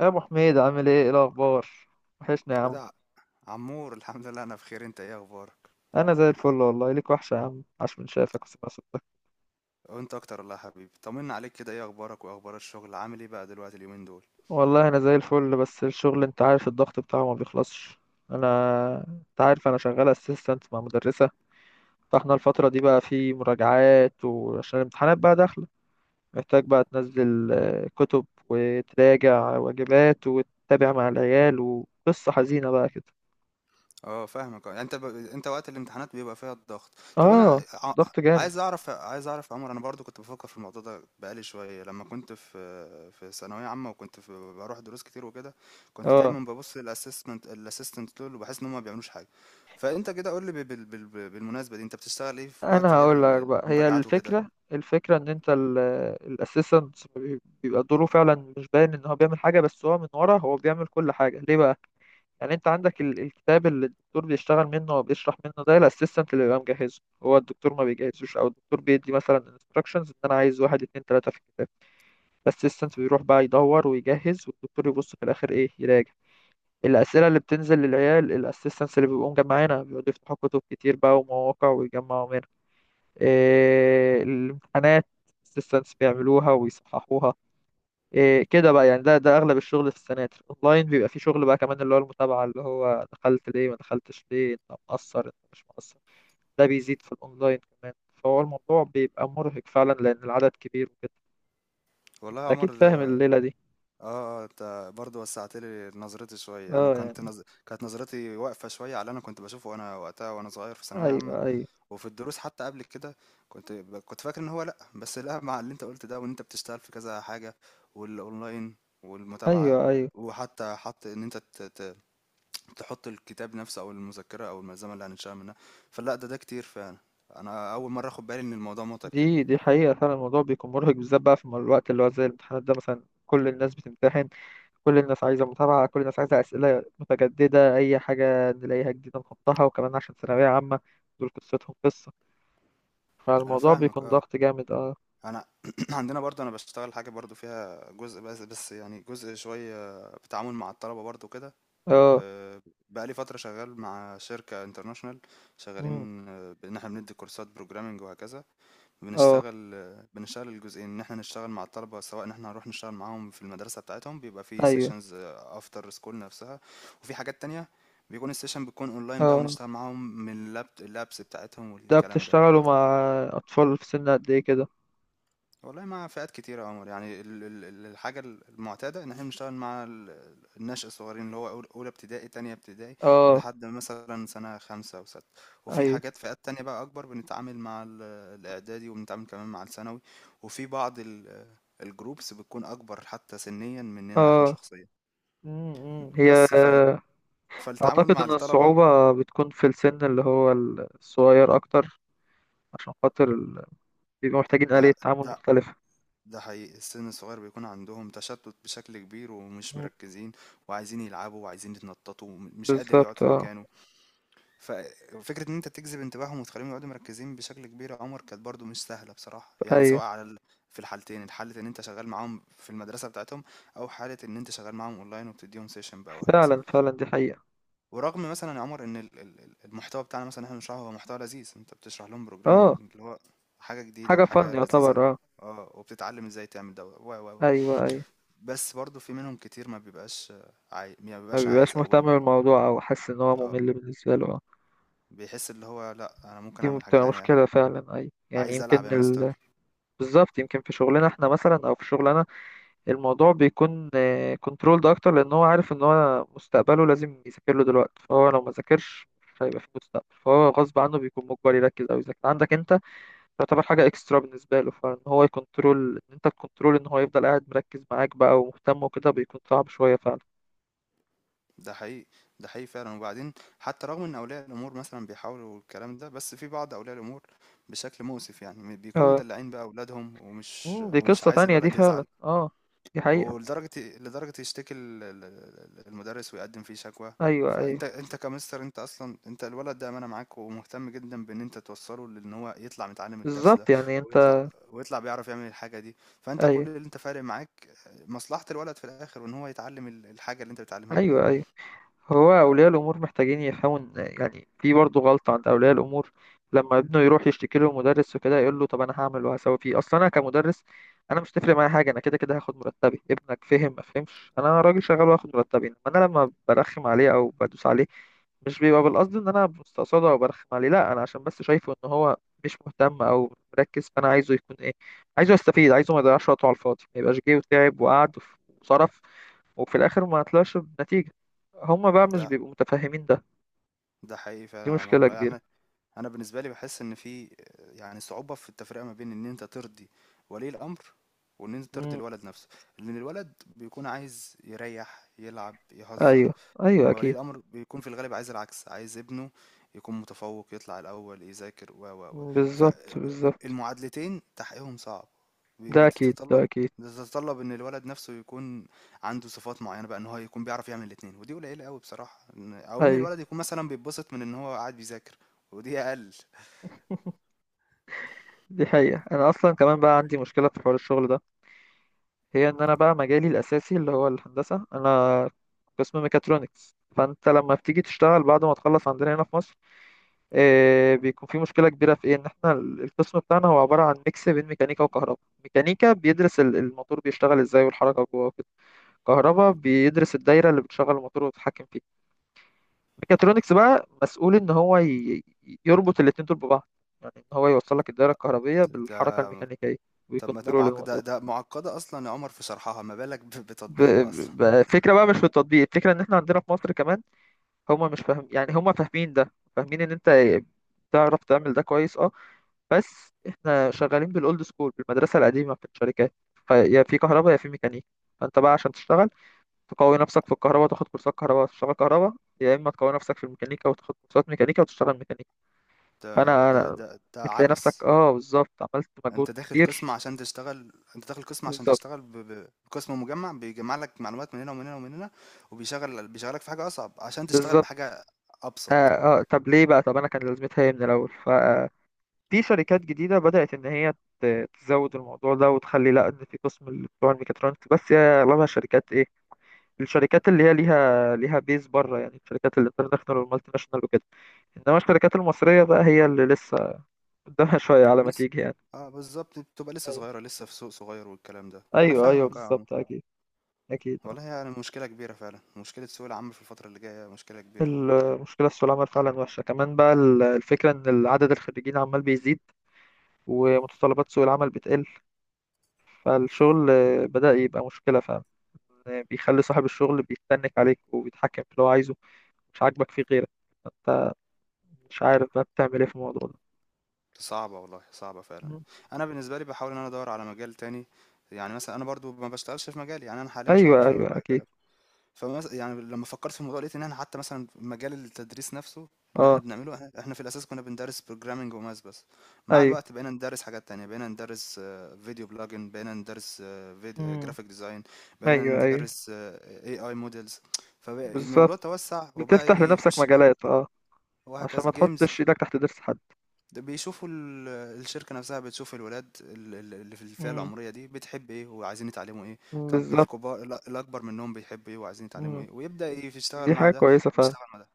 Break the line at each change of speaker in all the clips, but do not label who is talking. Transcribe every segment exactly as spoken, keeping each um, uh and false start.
يا ابو حميد، عامل ايه؟ ايه الاخبار؟ وحشني يا
ايه
عم.
ده عمور، الحمد لله انا بخير. انت ايه اخبارك؟
انا زي الفل، والله ليك وحشه يا عم، عاش من شافك وسمع صوتك.
وانت اكتر والله يا حبيبي. طمنا عليك كده، ايه اخبارك واخبار الشغل؟ عامل ايه بقى دلوقتي اليومين دول؟
والله انا زي الفل، بس الشغل انت عارف الضغط بتاعه ما بيخلصش. انا انت عارف انا شغال اسيستنت مع مدرسه، فاحنا الفتره دي بقى في مراجعات، وعشان الامتحانات بقى داخله محتاج بقى تنزل آه، كتب، وتراجع واجبات، وتتابع مع العيال، وقصه حزينه بقى كده.
اه فاهمك. اه يعني انت ب... انت وقت الامتحانات بيبقى فيها الضغط. طب انا
اه.
ع...
ضغط جامد.
عايز اعرف، عايز اعرف يا عمر، انا برضو كنت بفكر في الموضوع ده بقالي شويه، لما كنت في في ثانويه عامه وكنت في... بروح دروس كتير وكده، كنت
اه.
دايما ببص للاسسمنت الاسيستنت دول وبحس ان هم ما بيعملوش حاجه. فانت كده قول لي بال... بال... بال- بالمناسبه دي، انت بتشتغل ايه في
انا
وقت غير
هقول لك
ال-
بقى، هي
المراجعات وكده؟
الفكره الفكره ان انت الاسيستنت بيبقى دوره فعلا مش باين ان هو بيعمل حاجه، بس هو من ورا هو بيعمل كل حاجه. ليه بقى؟ يعني انت عندك ال- الكتاب اللي الدكتور بيشتغل منه وبيشرح منه، ده الاسيستنت اللي بيبقى مجهزه، هو الدكتور ما بيجهزوش، او الدكتور بيدي مثلا انستراكشنز ان انا عايز واحد اتنين تلاته في الكتاب. الاسيستنت بيروح بقى يدور ويجهز، والدكتور يبص في الاخر ايه؟ يراجع. الأسئلة اللي بتنزل للعيال الأسيستنتس اللي بيبقوا مجمعينها بيقعدوا يفتحوا كتب كتير بقى ومواقع ويجمعوا منها. إيه، الامتحانات السيستمز بيعملوها ويصححوها. إيه، كده بقى يعني ده ده اغلب الشغل في السناتر. اونلاين بيبقى فيه شغل بقى كمان، اللي هو المتابعه، اللي هو دخلت ليه، ما دخلتش ليه، انت مقصر، انت مش مقصر. ده بيزيد في الاونلاين كمان. فهو الموضوع بيبقى مرهق فعلا لان العدد كبير وكده.
والله يا عمر
اكيد فاهم
ده
الليله دي.
آه، آه، أنت برضه وسّعت لي نظرتي شوية. أنا
اه
كنت
يعني.
نظ كانت نظرتي واقفة شوية على اللي أنا كنت باشوفه وأنا وقتها وأنا صغير في ثانوية
ايوه،
عامة،
ايوه.
وفي الدروس حتى قبل كده كنت ب كنت فاكر إن هو لأ، بس لأ مع اللي أنت قُلت ده، وإن أنت بتشتغل في كذا حاجة والأونلاين والمتابعة،
ايوه، ايوه.
وحتى حط إن أنت ت ت تحط الكتاب نفسه أو المذكرة أو الملزمة اللي هنشتغل منها، فلأ ده ده كتير فعلًا. أنا أول مرّة آخُد بالي إن الموضوع مُتعب كده.
دي دي حقيقه فعلا، الموضوع بيكون مرهق بالذات بقى في الوقت اللي هو زي الامتحانات ده مثلا، كل الناس بتمتحن. كل الناس عايزة متابعة، كل الناس عايزة أسئلة متجددة، أي حاجة نلاقيها جديدة نحطها، وكمان عشان ثانوية عامة دول قصتهم قصة.
أنا
فالموضوع
فاهمك
بيكون
آه.
ضغط جامد. اه.
أنا عندنا برضه أنا باشتغل حاجة برضه فيها جزء، بس بس يعني جزء شوية بتعامل مع الطلبة برضه كده.
اه.
آه، بقالي فترة شغال مع شركة انترناشونال،
مم.
شغالين، آه، بإن احنا بندي كورسات بروجرامنج وهكذا.
اه.
بنشتغل آه، بنشتغل الجزئين، إن احنا نشتغل مع الطلبة، سواء إن احنا هنروح نشتغل معاهم في المدرسة بتاعتهم، بيبقى في
أيوه.
سيشنز أفتر سكول نفسها، وفي حاجات تانية بيكون السيشن بتكون أونلاين بقى،
اه.
ونشتغل معاهم من اللاب اللابس بتاعتهم
ده
والكلام ده.
بتشتغلوا مع أطفال في سن قد إيه كده؟
والله مع فئات كتيرة يا عمر، يعني ال- ال- ال- الحاجة المعتادة إن احنا بنشتغل مع ال- النشء الصغيرين، اللي هو أول- أولى ابتدائي، تانية ابتدائي،
اه.
لحد مثلا سنة خمسة وستة. وفي
أيوه.
حاجات فئات تانية بقى أكبر، بنتعامل مع ال- الإعدادي، وبنتعامل كمان مع الثانوي. وفي بعض ال- الجروبس بتكون أكبر حتى سنيا مننا احنا
اه.
شخصيا.
مم، مم. هي
بس فال
آه،
فالتعامل
أعتقد
مع
إن
الطلبة،
الصعوبة بتكون في السن اللي هو الصغير أكتر، عشان خاطر ال- بيبقوا محتاجين
ده
آلية تعامل
ده
مختلفة.
ده حقيقي، السن الصغير بيكون عندهم تشتت بشكل كبير ومش
مم.
مركزين، وعايزين يلعبوا وعايزين يتنططوا، مش قادر يقعد
بالظبط.
في
اه.
مكانه. ففكرة ان انت تجذب انتباههم وتخليهم يقعدوا مركزين بشكل كبير يا عمر كانت برضو مش سهلة بصراحة، يعني
أيوه.
سواء على ال... في الحالتين، الحالة ان انت شغال معاهم في المدرسة بتاعتهم، او حالة ان انت شغال معاهم اونلاين وبتديهم سيشن بقى وهكذا.
فعلا فعلا، دي حقيقة.
ورغم مثلا يا عمر ان ال- ال- ال- المحتوى بتاعنا مثلا احنا بنشرحه هو محتوى لذيذ، انت بتشرح لهم
اه.
بروجرامنج اللي هو حاجة جديدة
حاجة فن
وحاجة لذيذة،
يعتبر. اه.
اه، وبتتعلم ازاي تعمل ده و و و.
ايوه، ايوه.
بس برضه في منهم كتير ما بيبقاش عاي... ما
ما
بيبقاش
بيبقاش
عايز
مهتم
او ب...
بالموضوع او حاسس ان هو
اه،
ممل بالنسبة له. اه.
بيحس اللي هو لا انا ممكن
دي
اعمل حاجة
بتبقى
تانية،
مشكلة فعلا. ايوه يعني
عايز
يمكن
العب يا
ال...
مستر.
بالظبط. يمكن في شغلنا احنا مثلا، او في شغلنا الموضوع بيكون كنترولد اكتر، لان هو عارف ان هو مستقبله لازم يذاكر له دلوقتي، فهو لو ما ذاكرش مش هيبقى في مستقبل، فهو غصب عنه بيكون مجبر يركز او يذاكر. عندك انت تعتبر حاجة اكسترا بالنسبة له، فان هو يكنترول ان انت تكنترول ان هو يفضل قاعد مركز معاك بقى ومهتم وكده بيكون صعب شوية فعلا.
ده حقيقي ده حقيقي فعلا. وبعدين حتى رغم ان اولياء الامور مثلا بيحاولوا الكلام ده، بس في بعض اولياء الامور بشكل مؤسف يعني بيكونوا
اه.
مدلعين بقى اولادهم، ومش
مم، دي
ومش
قصة
عايز
تانية دي
الولد
فعلا.
يزعل.
اه. دي حقيقة.
ولدرجة إيه؟ لدرجة يشتكي ال- ال- ال- المدرس ويقدم فيه شكوى.
ايوه، ايوه.
فانت انت كمستر، انت اصلا انت الولد ده امانة معاك، ومهتم جدا بان انت توصله، لان هو يطلع متعلم الدرس ده،
بالظبط. يعني
ويطلع
انت.
ويطلع بيعرف يعمل الحاجة دي. فانت كل
ايوه،
اللي انت فارق معاك مصلحة الولد في الاخر، وان هو يتعلم ال- الحاجة اللي انت بتعلمها له دي.
ايوه. ايوه. هو أولياء الأمور محتاجين يحاول، يعني في برضه غلطة عند أولياء الأمور، لما ابنه يروح يشتكي له مدرس وكده يقول له طب أنا هعمل وهسوي فيه. أصلا أنا كمدرس أنا مش تفرق معايا حاجة، أنا كده كده هاخد مرتبي، ابنك فهم ما فهمش، أنا راجل شغال وهاخد مرتبي، إنما أنا لما برخم عليه أو بدوس عليه مش بيبقى بالقصد إن أنا مستقصده أو برخم عليه، لأ، أنا عشان بس شايفه إن هو مش مهتم أو مركز، فأنا عايزه يكون إيه؟ عايزه يستفيد، عايزه ما يضيعش وقته على الفاضي، ما يبقاش جه وتعب وقعد وصرف وفي الآخر ما طلعش بنتيجة. هما بقى مش
ده
بيبقوا متفاهمين ده.
ده حقيقي فعلا
دي
يا عمر
مشكلة
والله
كبيرة.
يعني. انا بالنسبه لي بحس ان في يعني صعوبه في التفرقه ما بين ان انت ترضي ولي الامر، وان انت ترضي
امم.
الولد نفسه. لان الولد بيكون عايز يريح يلعب يهزر،
ايوه. ايوه
ولي
اكيد.
الأمر بيكون في الغالب عايز العكس، عايز ابنه يكون متفوق يطلع الأول يذاكر و و و.
مم، بالظبط، بالظبط.
فالمعادلتين تحقيقهم صعب، بي-
ده اكيد، ده
بتتطلب،
اكيد.
بتتطلب ان الولد نفسه يكون عنده صفات معينه بقى ان هو يكون بيعرف يعمل الاتنين، ودي قليله قوي بصراحه، إن- او ان
ايوه.
الولد يكون مثلا بيتبسط من ان هو قاعد بيذاكر، ودي اقل.
دي حقيقة. انا اصلا كمان بقى عندي مشكلة في حوار الشغل ده، هي ان انا بقى مجالي الاساسي اللي هو الهندسة، انا قسم ميكاترونكس. فانت لما بتيجي تشتغل بعد ما تخلص عندنا هنا في مصر إيه، بيكون في مشكلة كبيرة في ايه، ان احنا ال- القسم بتاعنا هو عبارة عن ميكس بين ميكانيكا وكهرباء. ميكانيكا بيدرس ال- الموتور بيشتغل ازاي والحركة جوه. كهرباء بيدرس الدايرة اللي بتشغل الموتور وتتحكم فيه. ميكاترونكس بقى مسؤول إن هو ي- يربط الاتنين دول ببعض، يعني إن هو يوصل لك الدايرة الكهربية بالحركة
ده
الميكانيكية
طب ما ده
ويكنترول
معقد،
الموضوع.
ده, ده معقده اصلا يا عمر في شرحها، ما بالك ب-
ب...
بتطبيقها اصلا؟
ب... فكرة بقى مش في التطبيق، الفكرة إن إحنا عندنا في مصر كمان هما مش فاهم، يعني هما فاهمين ده، فاهمين إن أنت تعرف تعمل ده كويس. أه. بس إحنا شغالين بالأولد سكول، بالمدرسة القديمة، في الشركات فيا في كهرباء يا في ميكانيكا. فأنت بقى عشان تشتغل تقوي نفسك في الكهرباء، تاخد كورسات كهرباء وتشتغل كهرباء، يا اما تقوي نفسك في الميكانيكا وتاخد كورسات ميكانيكا وتشتغل ميكانيكا.
ده
فانا
ده
أنا
ده ده
بتلاقي
عبث.
نفسك. اه. بالظبط، عملت مجهود
انت داخل
كبير.
قسم عشان تشتغل انت داخل قسم عشان
بالظبط،
تشتغل ب... ب... بقسم مجمع بيجمع لك معلومات من هنا ومن هنا ومن هنا، وبيشغل بيشغلك في حاجة أصعب عشان تشتغل
بالظبط.
بحاجة أبسط.
آه, اه طب ليه بقى؟ طب انا كان لازمتها ايه من الاول؟ ففي شركات جديده بدات ان هي ت- تزود الموضوع ده وتخلي، لا ان في قسم اللي بتوع الميكاترونكس، بس هي اغلبها شركات ايه؟ الشركات اللي هي ليها ليها بيز بره، يعني الشركات الانترناشونال والمالتي ناشونال وكده. انما الشركات المصريه بقى هي اللي لسه قدامها شويه على ما
لسه،
تيجي يعني.
اه بالظبط، بتبقى لسه صغيرة لسه في سوق صغير والكلام ده. أنا
ايوه، ايوه
فاهمك اه يا عمر.
بالظبط، اكيد. اكيد. آه.
والله يعني مشكلة كبيرة فعلا، مشكلة سوق العمل في الفترة اللي جاية مشكلة كبيرة.
المشكله في سوق العمل فعلا وحشه، كمان بقى ال- الفكره ان عدد الخريجين عمال بيزيد ومتطلبات سوق العمل بتقل. فالشغل آه، بدأ يبقى مشكله فعلا، آه، بيخلي صاحب الشغل بيتنك عليك وبيتحكم في اللي هو عايزه، مش عاجبك فيه غيرك. انت مش عارف بقى بتعمل ايه في الموضوع ده.
صعبة والله، صعبة فعلا.
مم.
أنا بالنسبة لي بحاول إن أنا أدور على مجال تاني، يعني مثلا أنا برضو ما بشتغلش في مجالي، يعني أنا حاليا شغال
ايوه،
في
ايوه اكيد.
مجال. فمث يعني لمّا فكّرت في الموضوع لقيت إن إحنا حتى مثلًا في مجال التدريس نفسه اللي إحنا
اه،
بنعمله، إح إحنا في الأساس كُنّا بندرّس programming وmath بس. مع
ايوه.
الوقت بقينا ندرّس حاجات تانية، بقينا ندرّس آه، video blogging، بقينا ندرّس فيد
مم.
graphic design، بقينا
ايوه، ايوه
ندرّس إيه آي models. فبقى الموضوع
بالظبط.
توسّع
بتفتح
وبقى
لنفسك
يخُش بقى
مجالات. اه. عشان ما
وهكذا، games.
تحطش ايدك تحت ضرس حد.
ده بيشوفوا ال- الشركة نفسها بتشوف الولاد ال- ال- اللي في الفئة
مم.
العمرية دي بتحب ايه وعايزين يتعلموا ايه. طب
بالظبط.
الكبار الأ- الأكبر منهم بيحب ايه وعايزين يتعلموا ايه، ويبدأ يشتغل
دي
مع
حاجة
ده
كويسة فعلا.
ويشتغل مع ده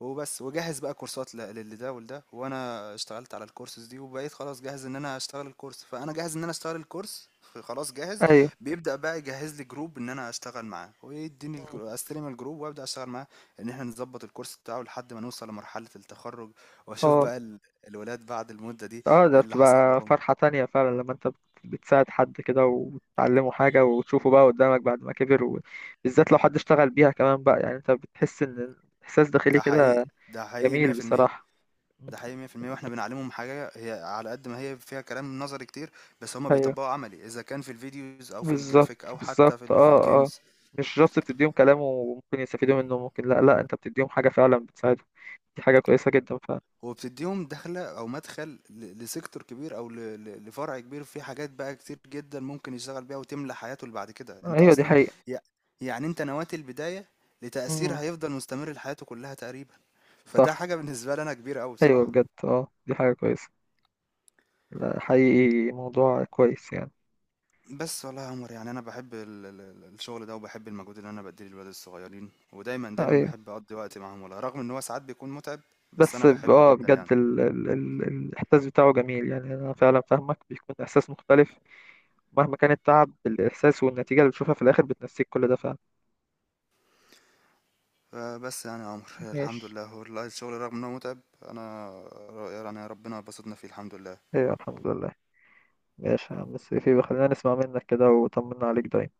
وبس وجهز بقى كورسات ل- للي ده ولده، وانا اشتغلت على الكورسز دي، وبقيت خلاص جاهز ان انا اشتغل الكورس. فانا جاهز ان انا اشتغل الكورس خلاص جاهز.
أيوة.
بيبدأ بقى يجهز لي جروب ان انا اشتغل معاه ويديني
مم.
الجرو- استلم الجروب وابدأ اشتغل معاه، ان احنا نظبط الكورس بتاعه لحد ما نوصل لمرحلة التخرج. واشوف
اه،
بقى ال- الولاد بعد المدة دي
اه، ده
ايه اللي حصل
بتبقى
لهم.
فرحة تانية فعلا لما انت بت- بتساعد حد كده وتعلمه حاجة وتشوفه بقى قدامك بعد ما كبر، وبالذات لو حد اشتغل بيها كمان بقى، يعني انت بتحس ان احساس داخلي
ده حقيقي
كده.
ده حقيقي
جميل
مية في المية.
بصراحة. مم.
ده حقيقي مية في المية واحنا بنعلمهم حاجة هي على قد ما هي فيها كلام نظري كتير، بس هما
ايوه،
بيطبقوا عملي، اذا كان في الفيديوز او في
بالظبط
الجرافيك او حتى في
بالظبط.
ال في
اه، اه.
الجيمز.
مش جاست بتديهم كلام وممكن يستفيدوا منه ممكن لا، لا انت بتديهم حاجة فعلا بتساعدهم. دي حاجة كويسة جدا فعلا.
هو بتديهم دخلة او مدخل ل- لسيكتور كبير، او ل- ل- لفرع كبير، في حاجات بقى كتير جدا ممكن يشتغل بيها وتملى حياته اللي بعد كده. انت
ايوه دي
اصلا
حقيقة.
يع- يعني انت نويت البداية لتأثير
امم.
هيفضل مستمر لحياته كلها تقريبا، فده
صح.
حاجة بالنسبة لي انا كبيرة قوي
ايوه
بصراحة.
بجد، اه، دي حاجة كويسة. لا، حقيقي موضوع كويس يعني.
بس والله يا عمر يعني أنا باحب ال ال ال الشغل ده، وباحب المجهود اللي أنا باديه للولاد الصغيرين، ودايمًا،
آه،
دايمًا
ايوه.
باحب أقضّي وقت معاهم والله، رغم إن هو ساعات بيكون مُتعب، بس
بس
أنا
ب-
باحبه
اه
جدًا
بجد
يعني.
ال... ال... ال... الاحساس بتاعه جميل، يعني انا فعلا فاهمك بيكون احساس مختلف. مهما كان التعب، الاحساس والنتيجه اللي بتشوفها في الاخر بتنسيك كل ده فعلا.
فبس يعني يا عمر الحمد
ماشي.
لله والله، الشغل رغم إن هو مُتعب، أنا ر يعني ربنا باسطنا فيه الحمد لله.
ايوه، الحمد لله. ماشي يا عم سيفي، خلينا نسمع منك كده وطمنا عليك دايما.